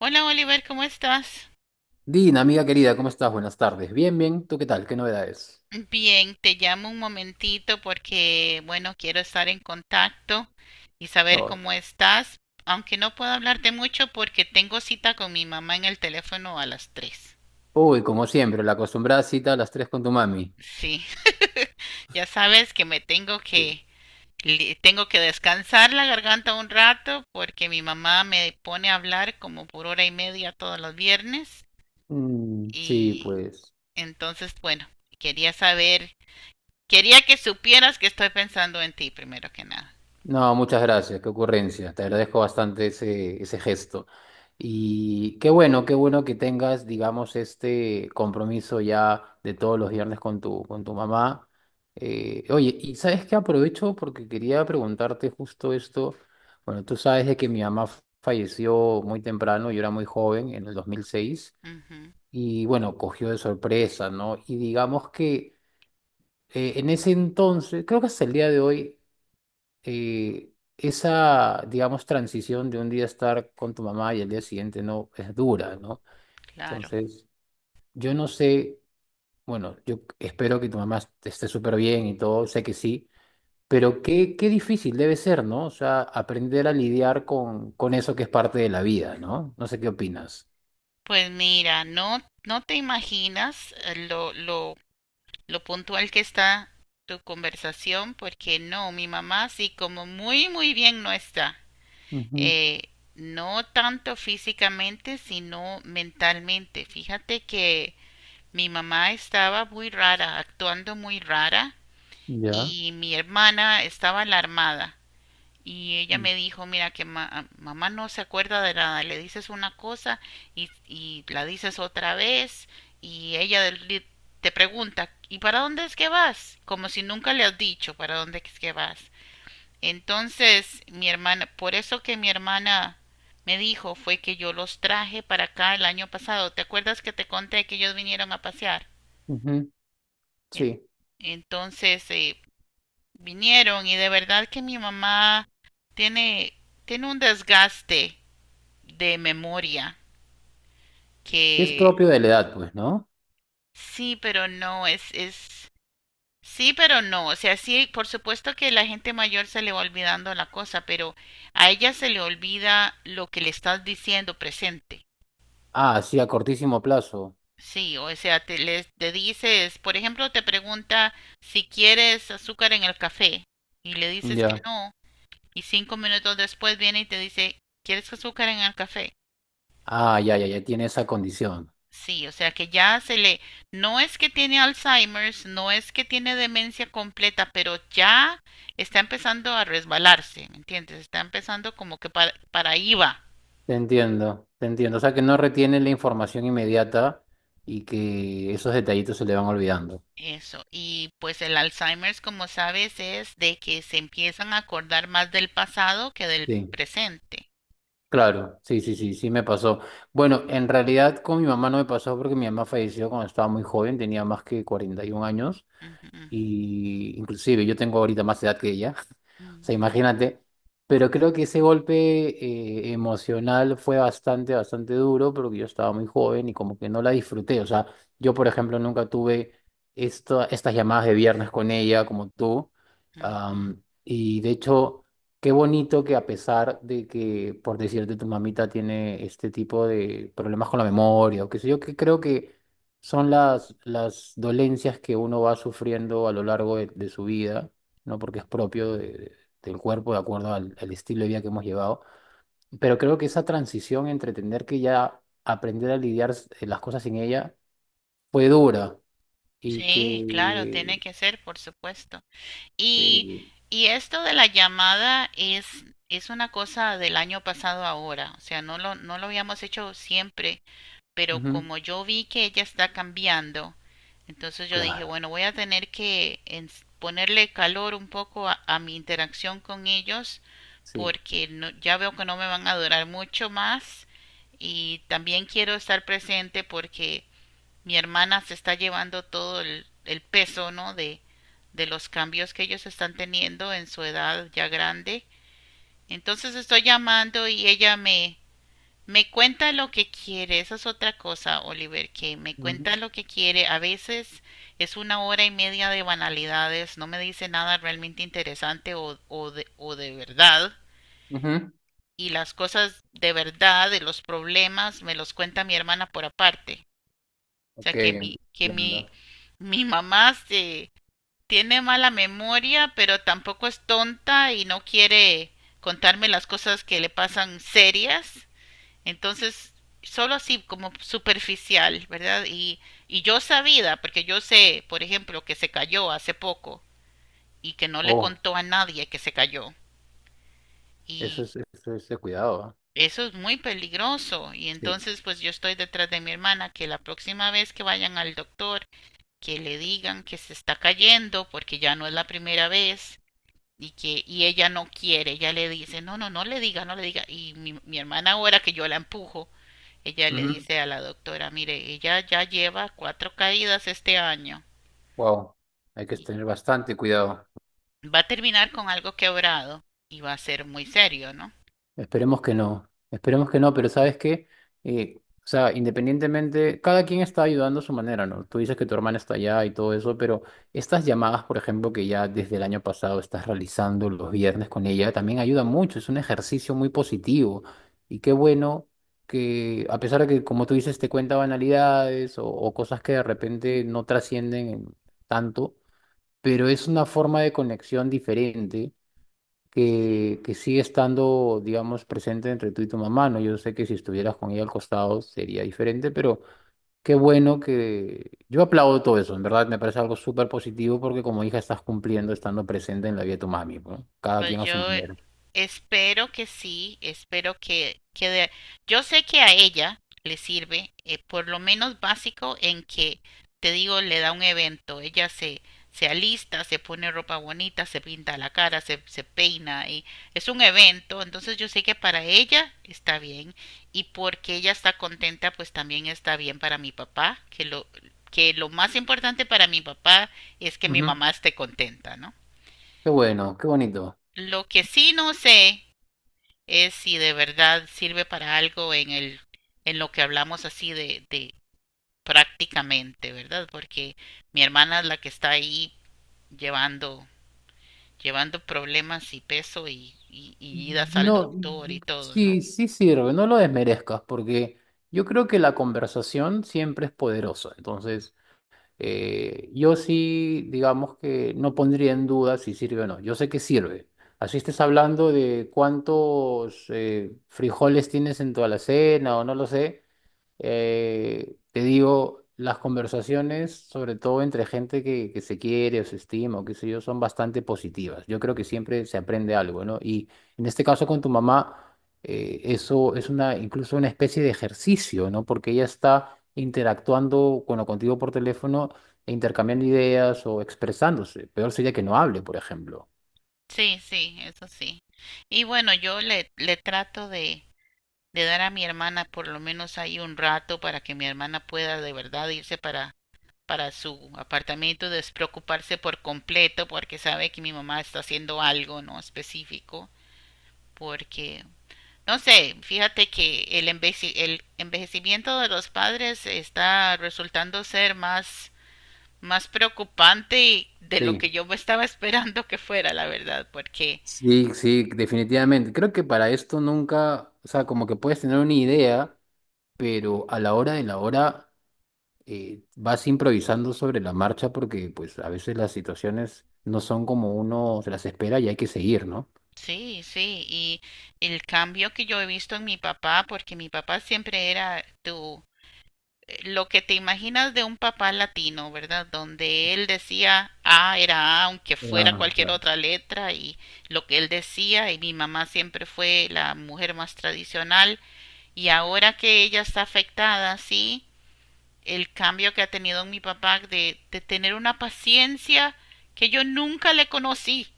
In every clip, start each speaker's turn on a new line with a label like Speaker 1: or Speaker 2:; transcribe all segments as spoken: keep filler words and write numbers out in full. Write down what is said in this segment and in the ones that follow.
Speaker 1: Hola, Oliver, ¿cómo estás?
Speaker 2: Dina, amiga querida, ¿cómo estás? Buenas tardes. Bien, bien. ¿Tú qué tal? ¿Qué novedades?
Speaker 1: Bien, te llamo un momentito porque, bueno, quiero estar en contacto y saber
Speaker 2: Oh.
Speaker 1: cómo estás, aunque no puedo hablarte mucho porque tengo cita con mi mamá en el teléfono a las tres.
Speaker 2: Uy, como siempre, la acostumbrada cita a las tres con tu mami.
Speaker 1: Sí, ya sabes que me tengo que li- tengo que descansar la garganta un rato porque mi mamá me pone a hablar como por hora y media todos los viernes
Speaker 2: Mm, sí,
Speaker 1: y
Speaker 2: pues.
Speaker 1: entonces, bueno, quería saber. Quería que supieras que estoy pensando en ti primero que nada.
Speaker 2: No, muchas gracias, qué ocurrencia. Te agradezco bastante ese, ese gesto. Y qué bueno, qué bueno que tengas, digamos, este compromiso ya de todos los viernes con tu, con tu mamá. Eh, oye, y sabes que aprovecho porque quería preguntarte justo esto. Bueno, tú sabes de que mi mamá f- falleció muy temprano, yo era muy joven, en el dos mil seis,
Speaker 1: Ujú,
Speaker 2: y bueno, cogió de sorpresa, ¿no? Y digamos que eh, en ese entonces, creo que hasta el día de hoy eh, esa, digamos, transición de un día estar con tu mamá y el día siguiente no es dura, ¿no?
Speaker 1: claro.
Speaker 2: Entonces, yo no sé, bueno, yo espero que tu mamá est- esté súper bien y todo, sé que sí, pero qué, qué difícil debe ser, ¿no? O sea, aprender a lidiar con, con eso que es parte de la vida, ¿no? No sé qué opinas.
Speaker 1: Pues mira, no, no te imaginas eh, lo, lo, lo puntual que está tu conversación, porque no, mi mamá sí como muy, muy bien no está.
Speaker 2: Ujú.
Speaker 1: Eh, no tanto físicamente, sino mentalmente. Fíjate que mi mamá estaba muy rara, actuando muy rara,
Speaker 2: Ya.
Speaker 1: y mi hermana estaba alarmada. Y ella
Speaker 2: Mm,
Speaker 1: me dijo, mira que ma- mamá no se acuerda de nada, le dices una cosa y, y la dices otra vez y ella del- li- te pregunta, ¿y para dónde es que vas? Como si nunca le has dicho para dónde es que vas. Entonces, mi hermana, por eso que mi hermana me dijo fue que yo los traje para acá el año pasado. ¿Te acuerdas que te conté que ellos vinieron a pasear?
Speaker 2: ujú.
Speaker 1: En-
Speaker 2: Sí.
Speaker 1: entonces, eh, vinieron y de verdad que mi mamá tiene, tiene un desgaste de memoria
Speaker 2: Es
Speaker 1: que
Speaker 2: propio de la edad, pues, ¿no?
Speaker 1: sí, pero no, es, es, sí, pero no. O sea, sí, por supuesto que la gente mayor se le va olvidando la cosa, pero a ella se le olvida lo que le estás diciendo presente.
Speaker 2: Ah, sí, a cortísimo plazo.
Speaker 1: Sí, o sea, te, le, te dices, por ejemplo, te pregunta si quieres azúcar en el café y le dices que
Speaker 2: Ya.
Speaker 1: no, y cinco minutos después viene y te dice, ¿quieres azúcar en el café?
Speaker 2: Ah, ya, ya, ya tiene esa condición.
Speaker 1: Sí, o sea que ya se le, no es que tiene Alzheimer's, no es que tiene demencia completa, pero ya está empezando a resbalarse, ¿me entiendes? Está empezando como que para, para ahí va
Speaker 2: Te entiendo, te entiendo. O sea, que no retiene la información inmediata y que esos detallitos se le van olvidando.
Speaker 1: eso. Y pues el Alzheimer's, como sabes, es de que se empiezan a acordar más del pasado que del
Speaker 2: Sí,
Speaker 1: presente.
Speaker 2: claro, sí, sí, sí,
Speaker 1: Y
Speaker 2: sí me pasó. Bueno, en realidad con mi mamá no me pasó porque mi mamá falleció cuando estaba muy joven, tenía más que cuarenta y un años,
Speaker 1: ujú,
Speaker 2: y inclusive yo tengo ahorita más edad que ella, o sea,
Speaker 1: ujú,
Speaker 2: imagínate, pero creo que ese golpe eh, emocional fue bastante, bastante duro, porque yo estaba muy joven y como que no la disfruté. O sea, yo por ejemplo nunca tuve esta- estas llamadas de viernes con ella como tú.
Speaker 1: ujú.
Speaker 2: Am, y de hecho, qué bonito que, a pesar de que, por decirte, tu mamita tiene este tipo de problemas con la memoria o qué sé yo, que creo que son las, las dolencias que uno va sufriendo a lo largo de, de su vida, ¿no? Porque es propio de- de- del cuerpo de acuerdo al, al estilo de vida que hemos llevado. Pero creo que esa transición entre entender que ya aprender a lidiar s- eh, las cosas sin ella fue dura y
Speaker 1: Sí, claro,
Speaker 2: que...
Speaker 1: tiene que ser, por supuesto. Y,
Speaker 2: eh,
Speaker 1: y esto de la llamada es, es una cosa del año pasado ahora, o sea, no lo, no lo habíamos hecho siempre, pero
Speaker 2: ujú,
Speaker 1: como yo vi que ella está cambiando, entonces yo dije,
Speaker 2: claro,
Speaker 1: bueno, voy a tener que ens- ponerle calor un poco a, a mi interacción con ellos
Speaker 2: sí.
Speaker 1: porque no- ya veo que no me van a durar mucho más y también quiero estar presente porque mi hermana se está llevando todo el, el peso, ¿no? De, de los cambios que ellos están teniendo en su edad ya grande. Entonces estoy llamando y ella me, me cuenta lo que quiere. Esa es otra cosa, Oliver, que me
Speaker 2: Ujú,
Speaker 1: cuenta lo que quiere. A veces es una hora y media de banalidades, no me dice nada realmente interesante o, o de, o de verdad.
Speaker 2: ujú.
Speaker 1: Y las cosas de verdad, de los problemas, me los cuenta mi hermana por aparte. O sea,
Speaker 2: Ok,
Speaker 1: que mi, que mi,
Speaker 2: entiendo.
Speaker 1: mi mamá se tiene mala memoria, pero tampoco es tonta y no quiere contarme las cosas que le pasan serias. Entonces, solo así como superficial, ¿verdad? Y, y yo sabida, porque yo sé, por ejemplo, que se cayó hace poco y que no le
Speaker 2: Oh,
Speaker 1: contó a nadie que se cayó.
Speaker 2: eso
Speaker 1: Y
Speaker 2: es, eso es de cuidado, ¿ah?
Speaker 1: eso es muy peligroso. Y
Speaker 2: Sí.
Speaker 1: entonces, pues yo estoy detrás de mi hermana, que la próxima vez que vayan al doctor, que le digan que se está cayendo, porque ya no es la primera vez y que y ella no quiere, ella le dice, no, no, no le diga, no le diga. Y mi, mi hermana ahora que yo la empujo, ella le dice a la doctora, mire, ella ya lleva cuatro caídas este año,
Speaker 2: Wow, hay que
Speaker 1: y
Speaker 2: tener bastante cuidado.
Speaker 1: va a terminar con algo quebrado y va a ser muy serio, ¿no?
Speaker 2: Esperemos que no, esperemos que no, pero ¿sabes qué? Eh, o sea, independientemente, cada quien está ayudando a su manera, ¿no? Tú dices que tu hermana está allá y todo eso, pero estas llamadas, por ejemplo, que ya desde el año pasado estás realizando los viernes con ella, también ayuda mucho, es un ejercicio muy positivo. Y qué bueno que, a pesar de que, como tú dices, te cuenta banalidades o, o cosas que de repente no trascienden tanto, pero es una forma de conexión diferente
Speaker 1: Sí.
Speaker 2: que, que sigue estando, digamos, presente entre tú y tu mamá, ¿no? Yo sé que si estuvieras con ella al costado sería diferente, pero qué bueno que... Yo aplaudo todo eso, en verdad me parece algo súper positivo porque como hija estás cumpliendo estando presente en la vida de tu mami, ¿no? Cada
Speaker 1: Pues
Speaker 2: quien a su
Speaker 1: yo
Speaker 2: manera.
Speaker 1: espero que sí, espero que, que de- yo sé que a ella le sirve, eh, por lo menos básico, en que, te digo, le da un evento, ella se, se alista, se pone ropa bonita, se pinta la cara, se, se peina, y es un evento, entonces yo sé que para ella está bien, y porque ella está contenta, pues también está bien para mi papá, que lo, que lo más importante para mi papá es que mi
Speaker 2: Ujú.
Speaker 1: mamá esté contenta, ¿no?
Speaker 2: Qué bueno, qué bonito.
Speaker 1: Lo que sí no sé es si de verdad sirve para algo en el, en lo que hablamos así de, de prácticamente, ¿verdad? Porque mi hermana es la que está ahí llevando, llevando problemas y peso y, y, y idas al
Speaker 2: No,
Speaker 1: doctor y todo, ¿no?
Speaker 2: sí, sí sirve, no lo desmerezcas porque yo creo que la conversación siempre es poderosa, entonces... Eh, yo sí, digamos que no pondría en duda si sirve o no. Yo sé que sirve. Así estés hablando de cuántos eh, frijoles tienes en tu alacena o no lo sé. Eh, te digo, las conversaciones, sobre todo entre gente que, que se quiere o se estima o qué sé yo, son bastante positivas. Yo creo que siempre se aprende algo, ¿no? Y en este caso con tu mamá, eh, eso es una, incluso una especie de ejercicio, ¿no? Porque ella está interactuando, bueno, contigo por teléfono e intercambiando ideas o expresándose. Peor sería que no hable, por ejemplo.
Speaker 1: Sí, sí, eso sí. Y bueno, yo le, le trato de, de dar a mi hermana por lo menos ahí un rato para que mi hermana pueda de verdad irse para, para su apartamento, despreocuparse por completo porque sabe que mi mamá está haciendo algo no específico, porque no sé, fíjate que el, enveci- el envejecimiento de los padres está resultando ser más, más preocupante de lo que
Speaker 2: Sí,
Speaker 1: yo me estaba esperando que fuera, la verdad, porque
Speaker 2: sí, sí, definitivamente. Creo que para esto nunca, o sea, como que puedes tener una idea, pero a la hora de la hora eh, vas improvisando sobre la marcha porque pues a veces las situaciones no son como uno se las espera y hay que seguir, ¿no?
Speaker 1: sí, sí, y el cambio que yo he visto en mi papá, porque mi papá siempre era tu lo que te imaginas de un papá latino, ¿verdad? Donde él decía A era A, aunque fuera
Speaker 2: Ah,
Speaker 1: cualquier
Speaker 2: claro.
Speaker 1: otra letra, y lo que él decía, y mi mamá siempre fue la mujer más tradicional, y ahora que ella está afectada, sí, el cambio que ha tenido en mi papá de, de tener una paciencia que yo nunca le conocí,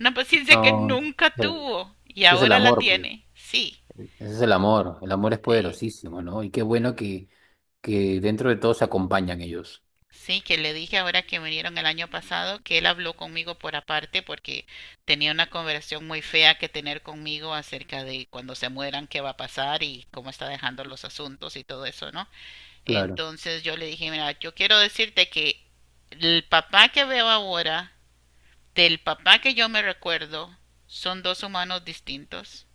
Speaker 1: una paciencia que
Speaker 2: No,
Speaker 1: nunca
Speaker 2: sí,
Speaker 1: tuvo, y
Speaker 2: ese es el
Speaker 1: ahora la
Speaker 2: amor, pues.
Speaker 1: tiene, sí,
Speaker 2: Ese es el amor. El amor es
Speaker 1: sí.
Speaker 2: poderosísimo, ¿no? Y qué bueno que, que dentro de todo se acompañan ellos.
Speaker 1: Sí, que le dije ahora que vinieron el año pasado que él habló conmigo por aparte porque tenía una conversación muy fea que tener conmigo acerca de cuando se mueran, qué va a pasar y cómo está dejando los asuntos y todo eso, ¿no?
Speaker 2: Claro.
Speaker 1: Entonces yo le dije, mira, yo quiero decirte que el papá que veo ahora, del papá que yo me recuerdo, son dos humanos distintos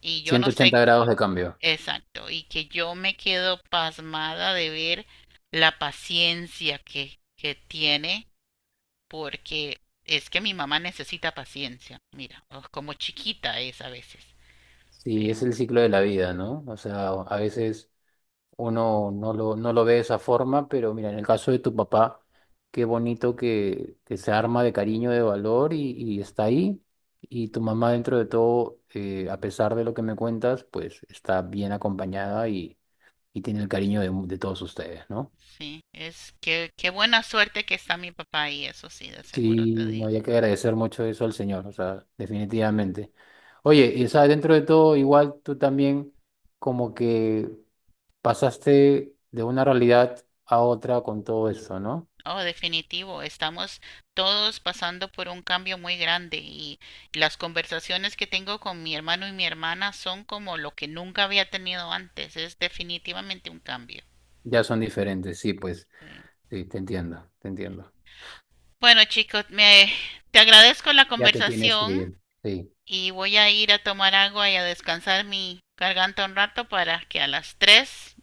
Speaker 1: y yo no
Speaker 2: ciento
Speaker 1: sé,
Speaker 2: ochenta grados de cambio.
Speaker 1: exacto, y que yo me quedo pasmada de ver la paciencia que, que tiene porque es que mi mamá necesita paciencia. Mira, oh, como chiquita es a veces.
Speaker 2: Sí, es
Speaker 1: Pero
Speaker 2: el ciclo de la vida, ¿no? O sea, a veces uno no lo, no lo ve de esa forma, pero mira, en el caso de tu papá, qué bonito que, que se arma de cariño, de valor y, y está ahí. Y tu mamá, dentro de todo, eh, a pesar de lo que me cuentas, pues está bien acompañada, y, y tiene el cariño de, mu- de todos ustedes, ¿no?
Speaker 1: sí, es que qué buena suerte que está mi papá y eso sí, de seguro
Speaker 2: Sí,
Speaker 1: te
Speaker 2: no
Speaker 1: digo.
Speaker 2: había que agradecer mucho eso al Señor, o sea, definitivamente. Oye, y o sea, dentro de todo, igual tú también como que pasaste de una realidad a otra con todo eso, ¿no?
Speaker 1: Oh, definitivo, estamos todos pasando por un cambio muy grande y las conversaciones que tengo con mi hermano y mi hermana son como lo que nunca había tenido antes. Es definitivamente un cambio.
Speaker 2: Ya son diferentes, sí, pues,
Speaker 1: Sí.
Speaker 2: sí, te entiendo, te entiendo.
Speaker 1: Bueno, chicos, me, te agradezco la
Speaker 2: Ya te tienes que
Speaker 1: conversación.
Speaker 2: ir, sí,
Speaker 1: Y voy a ir a tomar agua y a descansar mi garganta un rato para que a las tres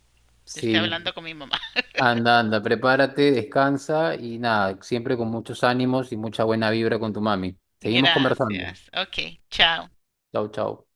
Speaker 1: esté
Speaker 2: sí.
Speaker 1: hablando con mi mamá.
Speaker 2: Anda, anda, prepárate, descansa y nada, siempre con muchos ánimos y mucha buena vibra con tu mami. Seguimos conversando.
Speaker 1: Gracias. Ok, chao.
Speaker 2: Chau, chau.